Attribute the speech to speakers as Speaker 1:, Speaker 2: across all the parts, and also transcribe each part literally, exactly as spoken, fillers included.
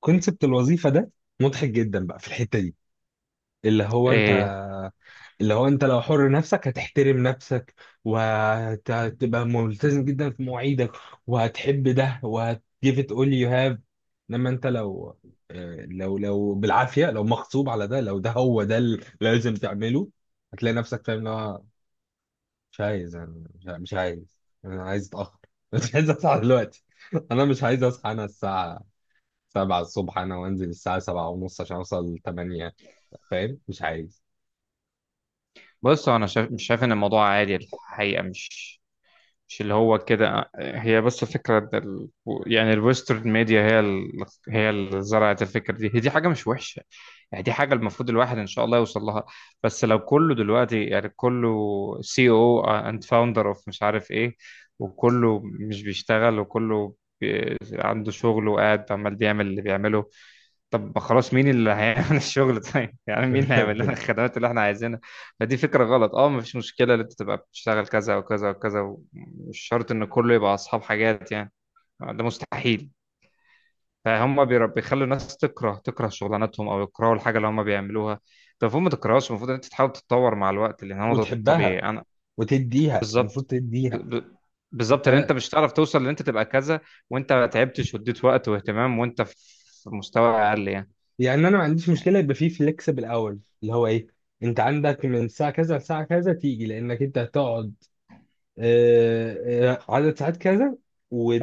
Speaker 1: كونسبت الوظيفه ده مضحك جدا بقى في الحته دي. اللي هو انت،
Speaker 2: إيه،
Speaker 1: اللي هو انت لو حر نفسك هتحترم نفسك، وهتبقى ملتزم جدا في مواعيدك، وهتحب ده وهت give it all you have. انما انت لو، آه، لو لو بالعافيه، لو مغصوب على ده، لو ده هو ده اللي لازم تعمله، هتلاقي نفسك فاهم اللي هو مش عايز. انا مش مش عايز انا عايز اتاخر مش عايز اصحى دلوقتي انا مش عايز اصحى، انا الساعه السابعة الصبح، انا وانزل الساعة السابعة ونص عشان اوصل الثامنة. فاهم، مش عايز
Speaker 2: بص انا شايف مش شايف ان الموضوع عادي الحقيقه مش مش اللي هو كده. هي بس فكره ده ال... يعني الويسترن ميديا هي ال... هي اللي زرعت الفكره دي، هي دي حاجه مش وحشه، يعني دي حاجه المفروض الواحد ان شاء الله يوصل لها. بس لو كله دلوقتي يعني كله سي او اند فاوندر اوف مش عارف ايه، وكله مش بيشتغل، وكله بي... عنده شغل وقاعد عمال بيعمل اللي بيعمله. طب خلاص مين اللي هيعمل الشغل؟ طيب يعني مين اللي هيعمل لنا الخدمات اللي احنا عايزينها؟ فدي فكرة غلط. اه مفيش مشكلة ان انت تبقى بتشتغل كذا وكذا وكذا، مش شرط ان كله يبقى اصحاب حاجات يعني، ده مستحيل. فهم بير- بيخلوا الناس تكره تكره شغلانتهم او يكرهوا الحاجة اللي هم بيعملوها. طب المفروض ما تكرهوش، المفروض ان انت تحاول تتطور مع الوقت لان هو ده الطبيعي.
Speaker 1: وتحبها
Speaker 2: انا
Speaker 1: وتديها، المفروض
Speaker 2: بالظبط، ب-
Speaker 1: تديها.
Speaker 2: ب- بالظبط لان
Speaker 1: انت.
Speaker 2: انت مش هتعرف توصل لان انت تبقى كذا وانت ما تعبتش واديت وقت واهتمام وانت في في مستوى اقل يعني.
Speaker 1: يعني انا ما عنديش مشكله يبقى فيه فليكسبل اورز اللي هو ايه: انت عندك من الساعه كذا لساعه كذا تيجي، لانك انت هتقعد آه، آه، عدد ساعات كذا،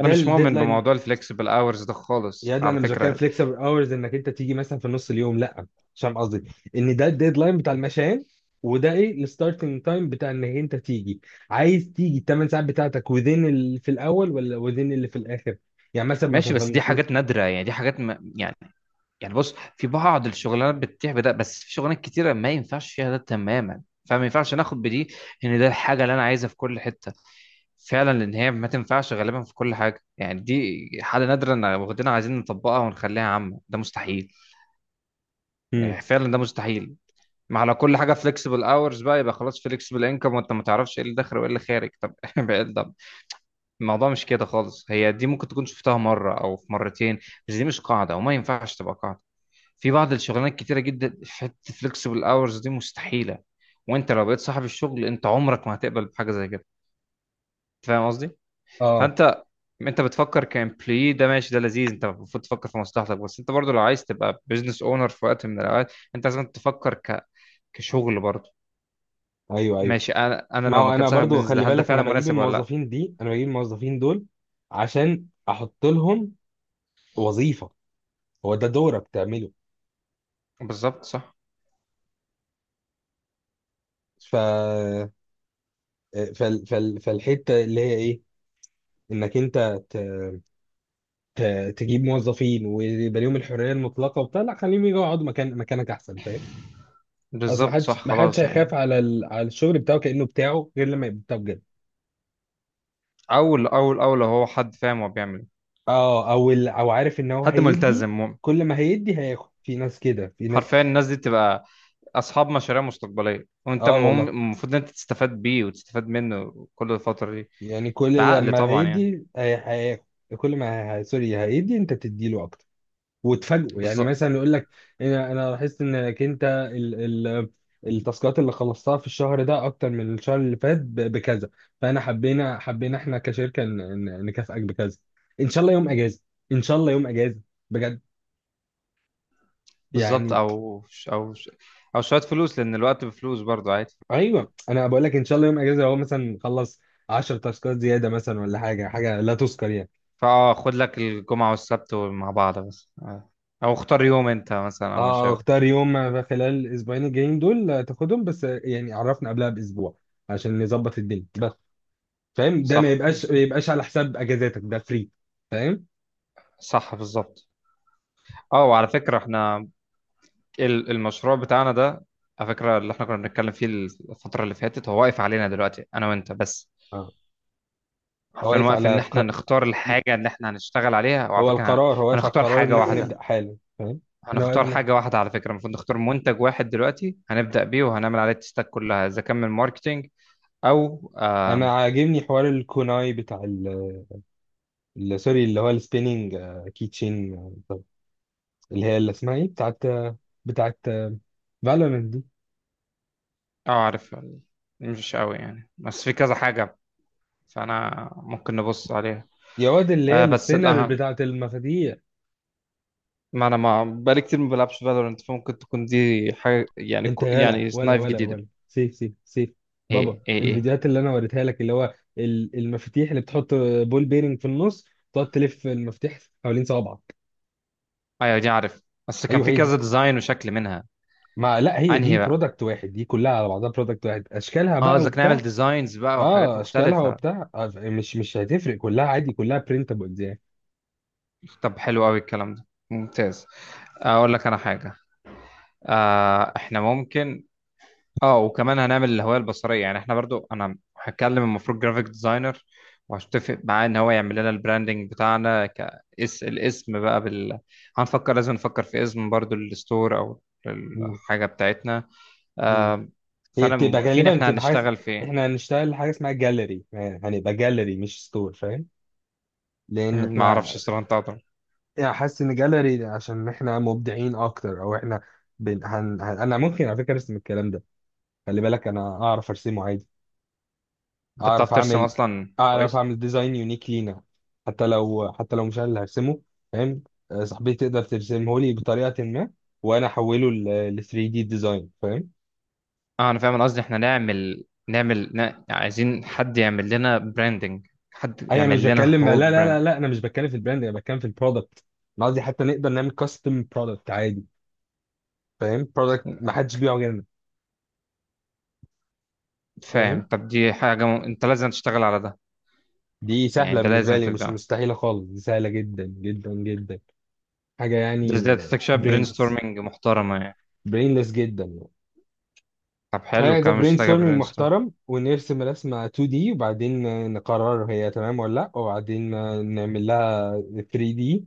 Speaker 2: انا مش مؤمن
Speaker 1: الديدلاين.
Speaker 2: بموضوع الفلكسبل اورز ده خالص
Speaker 1: يا ابني،
Speaker 2: على
Speaker 1: انا مش بتكلم
Speaker 2: فكره.
Speaker 1: فليكسبل اورز انك انت تيجي مثلا في نص اليوم، لا. مش فاهم قصدي، ان ده الديدلاين بتاع المشان، وده ايه الستارتنج تايم بتاع انك انت تيجي. عايز تيجي الثمان ساعات بتاعتك وذين اللي في الاول ولا وذين اللي في الاخر، يعني مثلا
Speaker 2: ماشي،
Speaker 1: مثلا
Speaker 2: بس دي
Speaker 1: فالمفروض.
Speaker 2: حاجات نادره يعني دي حاجات ما يعني يعني بص، في بعض الشغلانات بتتيح بده، بس في شغلانات كتيره ما ينفعش فيها ده تماما. فما ينفعش ناخد بدي ان ده الحاجه اللي انا عايزها في كل حته فعلا، لان هي ما تنفعش غالبا في كل حاجه، يعني دي حاله نادره ان واخدينها عايزين نطبقها ونخليها عامه، ده مستحيل.
Speaker 1: امم.
Speaker 2: يعني فعلا ده مستحيل. ما على كل حاجه فليكسبل اورز بقى، يبقى خلاص فليكسبل انكم وانت ما تعرفش ايه اللي داخل وايه اللي خارج. طب بعيد الموضوع مش كده خالص، هي دي ممكن تكون شفتها مرة أو في مرتين، بس دي مش قاعدة وما ينفعش تبقى قاعدة. في بعض الشغلانات كتيرة جدا في حتة فليكسبل أورز دي مستحيلة، وأنت لو بقيت صاحب الشغل أنت عمرك ما هتقبل بحاجة زي كده. أنت فاهم قصدي؟
Speaker 1: اه،
Speaker 2: فأنت أنت بتفكر كامبلوي ده ماشي ده لذيذ، أنت المفروض تفكر في مصلحتك، بس أنت برضو لو عايز تبقى بزنس أونر في وقت من الأوقات أنت لازم تفكر ك... كشغل برضو.
Speaker 1: ايوه ايوه.
Speaker 2: ماشي، أنا أنا
Speaker 1: ما
Speaker 2: لو
Speaker 1: هو
Speaker 2: ما كنت
Speaker 1: انا
Speaker 2: صاحب
Speaker 1: برضو
Speaker 2: بزنس ده
Speaker 1: خلي
Speaker 2: هل ده
Speaker 1: بالك،
Speaker 2: فعلا
Speaker 1: انا بجيب
Speaker 2: مناسب ولا لأ؟
Speaker 1: الموظفين دي، انا بجيب الموظفين دول عشان احط لهم وظيفه. هو ده دورك تعمله.
Speaker 2: بالظبط صح.
Speaker 1: ف آه، فال... فال... فالحته اللي هي ايه، انك انت ت... ت- تجيب موظفين ويبقى ليهم الحريه المطلقه وبتاع، لا خليهم يجوا يقعدوا مكان مكانك احسن، فاهم. اصل
Speaker 2: بالظبط
Speaker 1: محدش
Speaker 2: صح
Speaker 1: محدش
Speaker 2: خلاص
Speaker 1: هيخاف
Speaker 2: يعني.
Speaker 1: على ال... على الشغل بتاعه كانه بتاعه، غير لما يبقى بتاعه بجد.
Speaker 2: اول اول اول هو حد فاهم هو بيعمل إيه.
Speaker 1: اه، او ال... او عارف ان هو
Speaker 2: حد
Speaker 1: هيدي،
Speaker 2: ملتزم مؤمن،
Speaker 1: كل ما هيدي هياخد، في ناس كده في ناس.
Speaker 2: حرفيا الناس دي تبقى اصحاب مشاريع مستقبليه، وانت
Speaker 1: اه والله،
Speaker 2: المهم المفروض ان انت تستفاد بيه وتستفاد منه كل الفتره دي،
Speaker 1: يعني كل
Speaker 2: بعقل
Speaker 1: لما
Speaker 2: طبعا يعني.
Speaker 1: هيدي هي- هياخد، كل ما هي... سوري هيدي انت بتديله اكتر وتفاجئوا، يعني
Speaker 2: بالظبط.
Speaker 1: مثلا يقول لك: انا انا لاحظت انك انت ال ال التاسكات اللي خلصتها في الشهر ده اكتر من الشهر اللي فات ب- بكذا، فانا حبينا حبينا احنا كشركه ن- ن- نكافئك بكذا، ان شاء الله يوم اجازه، ان شاء الله يوم اجازه بجد
Speaker 2: بالظبط
Speaker 1: يعني.
Speaker 2: او ش- او ش- او شويه فلوس، لان الوقت بفلوس برضه عادي.
Speaker 1: ايوه، انا بقول لك ان شاء الله يوم اجازه هو مثلا خلص عشر تاسكات زياده مثلا، ولا حاجه، حاجه لا تذكر يعني.
Speaker 2: فاه خد لك الجمعه والسبت مع بعض بس آه. او اختار يوم انت مثلا او ما
Speaker 1: اه،
Speaker 2: شابه.
Speaker 1: اختار يوم خلال الاسبوعين الجايين دول تاخدهم، بس يعني عرفنا قبلها باسبوع عشان نظبط الدنيا بس، فاهم. ده ما
Speaker 2: صح
Speaker 1: يبقاش
Speaker 2: بز-
Speaker 1: ما يبقاش على حساب اجازاتك، ده فري، فاهم.
Speaker 2: صح بالظبط. اه وعلى فكره احنا ال- المشروع بتاعنا ده، على فكرة اللي احنا كنا بنتكلم فيه الفترة اللي فاتت، هو واقف علينا دلوقتي انا وانت بس.
Speaker 1: اه. هو
Speaker 2: عارفين
Speaker 1: واقف
Speaker 2: واقف
Speaker 1: على
Speaker 2: ان
Speaker 1: ق...
Speaker 2: احنا نختار الحاجة اللي احنا هنشتغل عليها، وعلى
Speaker 1: هو
Speaker 2: فكرة هن-
Speaker 1: القرار، هو واقف على
Speaker 2: هنختار
Speaker 1: القرار
Speaker 2: حاجة
Speaker 1: ان احنا
Speaker 2: واحدة.
Speaker 1: نبدا حالا، فاهم. انا
Speaker 2: هنختار
Speaker 1: واقفنا،
Speaker 2: حاجة واحدة على فكرة المفروض نختار منتج واحد دلوقتي هنبدأ بيه وهنعمل عليه التستات كلها، اذا كان من ماركتينج او
Speaker 1: انا
Speaker 2: آم،
Speaker 1: عاجبني حوار الكوناي بتاع ال... ال- سوري اللي هو السبيننج كيتشين، اللي هي اللي اسمها ايه، بتاعت، بتاعت فالورنت دي.
Speaker 2: اه عارف. مش قوي يعني، بس في كذا حاجة فانا ممكن نبص عليها.
Speaker 1: يا واد، اللي هي
Speaker 2: آه، بس
Speaker 1: السبينر
Speaker 2: الأهم،
Speaker 1: بتاعت المفاتيح.
Speaker 2: ما انا ما بقالي كتير ما بلعبش فالورنت، فممكن تكون دي حاجه يعني
Speaker 1: انت
Speaker 2: كو-
Speaker 1: يالا،
Speaker 2: يعني
Speaker 1: ولا
Speaker 2: سنايف
Speaker 1: ولا
Speaker 2: جديده.
Speaker 1: ولا سيف سيف سيف. بابا،
Speaker 2: ايه ايه ايه،
Speaker 1: الفيديوهات اللي انا وريتها لك اللي هو ال- المفاتيح اللي بتحط بول بيرنج في النص، تقعد تلف المفتاح حوالين صوابعك.
Speaker 2: ايوه دي عارف، بس كان
Speaker 1: ايوه
Speaker 2: في
Speaker 1: هي دي،
Speaker 2: كذا ديزاين وشكل منها.
Speaker 1: ما لا، هي دي
Speaker 2: انهي بقى؟
Speaker 1: برودكت واحد، دي كلها على بعضها برودكت واحد، اشكالها
Speaker 2: اه
Speaker 1: بقى
Speaker 2: قصدك نعمل
Speaker 1: وبتاع.
Speaker 2: ديزاينز بقى وحاجات
Speaker 1: اه، اشكالها
Speaker 2: مختلفه.
Speaker 1: وبتاع، آه، مش مش هتفرق، كلها عادي، كلها برينتابلز يعني.
Speaker 2: طب حلو قوي الكلام ده ممتاز. اقول لك انا حاجه، آه احنا ممكن، اه وكمان هنعمل الهوية البصرية، يعني احنا برضو انا هتكلم المفروض جرافيك ديزاينر وهتفق معاه ان هو يعمل لنا البراندنج بتاعنا كاس الاسم بقى بال... هنفكر، لازم نفكر في اسم برضو للستور او
Speaker 1: مم.
Speaker 2: الحاجة بتاعتنا.
Speaker 1: مم.
Speaker 2: آه
Speaker 1: هي
Speaker 2: فانا
Speaker 1: بتبقى
Speaker 2: موقفين
Speaker 1: غالبا،
Speaker 2: احنا
Speaker 1: بتبقى حاجه،
Speaker 2: هنشتغل فين.
Speaker 1: احنا هنشتغل حاجه اسمها جاليري، هنبقى جاليري مش ستور، فاهم، لان
Speaker 2: مم، ما اعرفش
Speaker 1: احنا
Speaker 2: الصراحة، انت أقدر.
Speaker 1: يعني حاسس ان جاليري عشان احنا مبدعين اكتر، او احنا بن... هن... هن... انا ممكن على فكره ارسم الكلام ده. خلي بالك انا اعرف ارسمه عادي،
Speaker 2: انت بتعرف
Speaker 1: اعرف
Speaker 2: ترسم
Speaker 1: اعمل
Speaker 2: اصلا
Speaker 1: اعرف
Speaker 2: كويس.
Speaker 1: اعمل ديزاين يونيك لينا، حتى لو حتى لو مش انا اللي هرسمه، فاهم. آه، صاحبتي تقدر ترسمه لي بطريقه ما وانا احوله ل ثري دي ديزاين، فاهم.
Speaker 2: اه انا فاهم، أنا قصدي احنا نعمل نعمل ن... عايزين حد يعمل لنا براندنج، حد
Speaker 1: اي، انا مش
Speaker 2: يعمل لنا
Speaker 1: بتكلم، لا
Speaker 2: هول
Speaker 1: لا لا
Speaker 2: براند،
Speaker 1: لا، انا مش بتكلم في البراند، انا بتكلم في البرودكت، انا قصدي حتى نقدر نعمل كاستم برودكت عادي، فاهم، برودكت ما حدش بيبيعه غيرنا،
Speaker 2: فاهم؟
Speaker 1: فاهم.
Speaker 2: طب دي حاجة م... انت لازم تشتغل على ده،
Speaker 1: دي
Speaker 2: يعني
Speaker 1: سهلة
Speaker 2: ده
Speaker 1: بالنسبة
Speaker 2: لازم
Speaker 1: لي، مش
Speaker 2: تبدأ.
Speaker 1: مستحيلة خالص، دي سهلة جدا جدا جدا، حاجة
Speaker 2: ده
Speaker 1: يعني.
Speaker 2: ازاي، تحتاج شوية برين
Speaker 1: برينلس،
Speaker 2: ستورمنج محترمة يعني.
Speaker 1: برينلس جدا يعني،
Speaker 2: طب حلو،
Speaker 1: حاجة زي
Speaker 2: كمان مش
Speaker 1: برين
Speaker 2: محتاجة
Speaker 1: ستورمينج
Speaker 2: برين ستورم.
Speaker 1: محترم. ونرسم رسمة تو دي وبعدين نقرر هي تمام ولا لأ، وبعدين نعمل لها ثري دي،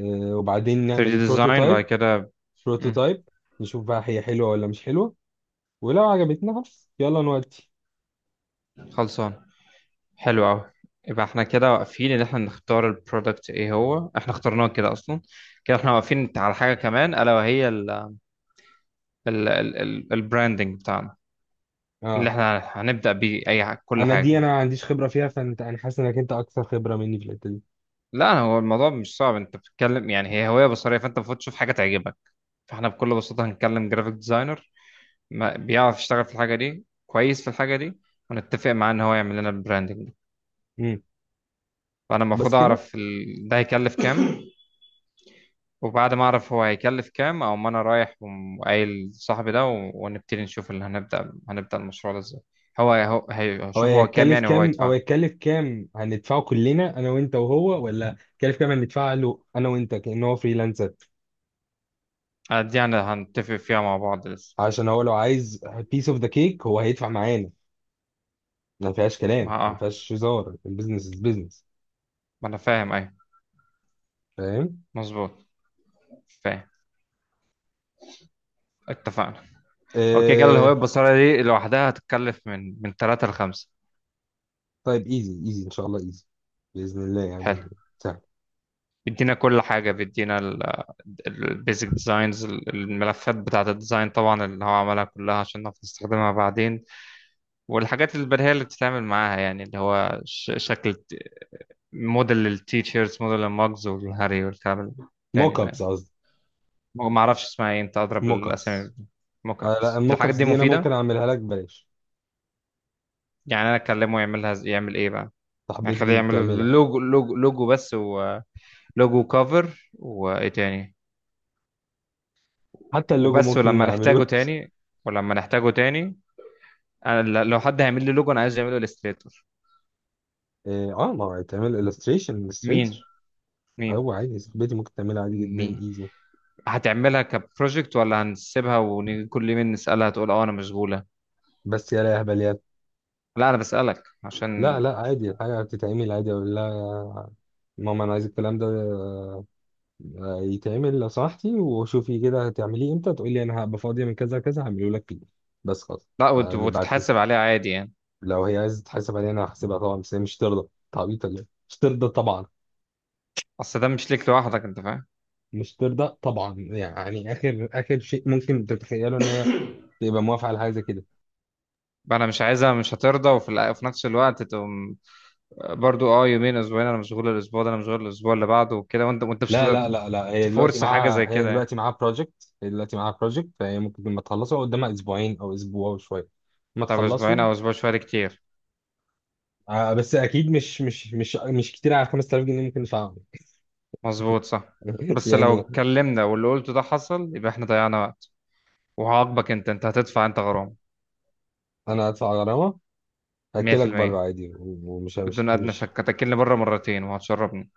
Speaker 1: آه، وبعدين
Speaker 2: ثري دي
Speaker 1: نعمل
Speaker 2: ديزاين بعد
Speaker 1: بروتوتايب،
Speaker 2: كده. مم،
Speaker 1: بروتوتايب نشوف بقى هي حلوة ولا مش حلوة، ولو عجبتنا خلاص يلا نودي.
Speaker 2: خلصان. حلو قوي. يبقى احنا كده واقفين ان احنا نختار البرودكت، ايه هو؟ احنا اخترناه كده اصلا. كده احنا واقفين على حاجة كمان الا وهي ال ال ال البراندنج بتاعنا اللي
Speaker 1: اه.
Speaker 2: احنا هنبدأ بيه اي ح- كل
Speaker 1: انا دي
Speaker 2: حاجة.
Speaker 1: انا ما عنديش خبرة فيها، فانت انا حاسس انك انت اكثر خبرة مني في الحتة دي.
Speaker 2: لا هو الموضوع مش صعب، انت بتتكلم يعني هي هوية بصرية، فانت المفروض تشوف حاجة تعجبك. فاحنا بكل بساطة هنكلم جرافيك ديزاينر بيعرف يشتغل في الحاجة دي كويس، في الحاجة دي ونتفق معاه ان هو يعمل لنا البراندنج ده.
Speaker 1: مم.
Speaker 2: فانا
Speaker 1: بس
Speaker 2: المفروض
Speaker 1: كده.
Speaker 2: اعرف ال... ده هيكلف كام وبعد ما اعرف هو هيكلف كام، او ما انا رايح وقايل صاحبي ده و... ونبتدي نشوف اللي هنبدأ، هنبدأ المشروع ده ازاي. هو هو هي-
Speaker 1: هو
Speaker 2: هشوف هو كام
Speaker 1: هيتكلف
Speaker 2: يعني هو
Speaker 1: كام؟ او
Speaker 2: يدفع.
Speaker 1: هيتكلف كام هندفعه كلنا، انا وانت وهو؟ ولا هيتكلف كام هندفعه له انا وانت كأنه هو فريلانسر؟
Speaker 2: آه، دي يعني هنتفق فيها مع بعض لسه.
Speaker 1: عشان هو لو عايز بيس اوف ذا كيك هو هيدفع معانا، ما فيهاش
Speaker 2: ما
Speaker 1: كلام وما
Speaker 2: اه
Speaker 1: فيهاش هزار، البيزنس از بيزنس،
Speaker 2: ما انا فاهم، ايوه
Speaker 1: فاهم.
Speaker 2: مظبوط. فاهم. اتفقنا. اوكي، كده الهوية
Speaker 1: آه...
Speaker 2: البصرية دي لوحدها هتتكلف من من تلاتة ل خمسة.
Speaker 1: طيب ايزي ايزي ان شاء الله، ايزي باذن الله يعني، سهل.
Speaker 2: بيدينا كل حاجة، بيدينا البيزك ديزاينز الملفات بتاعة الديزاين طبعا اللي هو عملها كلها عشان نعرف نستخدمها بعدين، والحاجات البديهية اللي بتتعمل معاها، يعني اللي هو ش- شكل ت- موديل للتيشيرتس، موديل المجز والهاري والكلام التاني
Speaker 1: موك
Speaker 2: ده
Speaker 1: ابس
Speaker 2: يعني.
Speaker 1: قصدي،
Speaker 2: ما ما اعرفش اسمها ايه، انت اضرب
Speaker 1: موك
Speaker 2: الاسامي.
Speaker 1: ابس.
Speaker 2: موك
Speaker 1: آه لا
Speaker 2: ابس دي،
Speaker 1: الموك
Speaker 2: الحاجات
Speaker 1: ابس
Speaker 2: دي
Speaker 1: دي انا ممكن
Speaker 2: مفيدة.
Speaker 1: اعملها لك ببلاش،
Speaker 2: يعني انا اكلمه يعملها ز- يعمل ايه بقى؟ يعني خليه
Speaker 1: صاحبتي
Speaker 2: يعمل
Speaker 1: بتعملها.
Speaker 2: لوجو، لوجو لوجو بس، ولوجو كفر، وايه تاني؟
Speaker 1: حتى اللوجو
Speaker 2: وبس،
Speaker 1: ممكن
Speaker 2: ولما نحتاجه
Speaker 1: نعمله
Speaker 2: تاني. ولما نحتاجه تاني انا ل- لو حد هيعمل لي لوجو انا عايز يعمله الستريتور.
Speaker 1: اه، آه، ما هو هيتعمل illustration
Speaker 2: مين؟
Speaker 1: illustrator.
Speaker 2: مين؟
Speaker 1: هو عادي، صاحبتي ممكن تعملها عادي جدا،
Speaker 2: مين
Speaker 1: ايزي.
Speaker 2: هتعملها كبروجكت ولا هنسيبها وكل مين نسألها تقول اه انا مشغولة؟
Speaker 1: بس يا لا اهبل يا.
Speaker 2: لا انا بسألك
Speaker 1: لا
Speaker 2: عشان،
Speaker 1: لا، عادي، الحاجة بتتعمل عادي، اقول لها: ماما انا عايز الكلام ده آه، يتعمل لو سمحتي، وشوفي كده هتعمليه امتى، تقول لي انا هبقى فاضية من كذا كذا هعمله لك فيه، بس خلاص.
Speaker 2: لا وت-
Speaker 1: آه، نبقى عارفين.
Speaker 2: وتتحاسب عليها عادي يعني،
Speaker 1: لو هي عايزة تحاسب علينا انا هحاسبها طبعا، بس هي مش ترضى تعبيط ولا إيه؟ مش ترضى طبعا،
Speaker 2: اصل ده مش ليك لوحدك، انت فاهم.
Speaker 1: مش ترضى طبعا يعني. اخر اخر شيء ممكن تتخيله ان هي تبقى موافقة على حاجة زي كده.
Speaker 2: انا مش عايزها مش هترضى، وفي الأ- وفي نفس الوقت تقوم برضو اه يومين اسبوعين انا مشغول الاسبوع ده، انا مشغول الاسبوع اللي بعده وكده، وانت وانت مش
Speaker 1: لا
Speaker 2: هتقدر
Speaker 1: لا لا لا، هي دلوقتي
Speaker 2: تفورس حاجة زي
Speaker 1: معاها هي
Speaker 2: كده يعني.
Speaker 1: دلوقتي معاها بروجكت، هي دلوقتي معاها بروجكت، فهي ممكن لما تخلصه قدامها اسبوعين او اسبوع وشويه ما
Speaker 2: طب اسبوعين
Speaker 1: تخلصه.
Speaker 2: او اسبوع شوية ده كتير.
Speaker 1: آه، بس اكيد مش مش مش مش كتير على خمس تلاف جنيه، ممكن ادفعهم
Speaker 2: مظبوط صح. بس لو
Speaker 1: يعني
Speaker 2: اتكلمنا واللي قلته ده حصل يبقى احنا ضيعنا وقت، وهعاقبك انت، انت هتدفع انت غرامة.
Speaker 1: انا هدفع غرامه، هاكلك بره
Speaker 2: مية بالمية،
Speaker 1: عادي، و- ومش مش
Speaker 2: بدون ادنى
Speaker 1: مش.
Speaker 2: شك هتاكلني بره مرتين وهتشربني.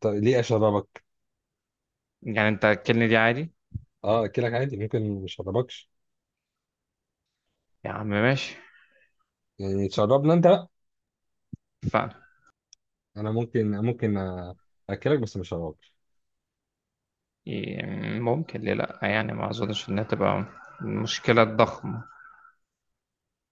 Speaker 1: طب ليه اشربك؟
Speaker 2: يعني انت هتاكلني دي عادي.
Speaker 1: اه، اكلك عادي، ممكن مش اشربكش.
Speaker 2: يا عم ماشي،
Speaker 1: يعني تشربنا انت بقى.
Speaker 2: اتفقنا.
Speaker 1: انا ممكن، ممكن آه، اكلك بس مش هشربك.
Speaker 2: ي- ممكن ليه لا، يعني ما اظنش انها تبقى مشكلة ضخمة.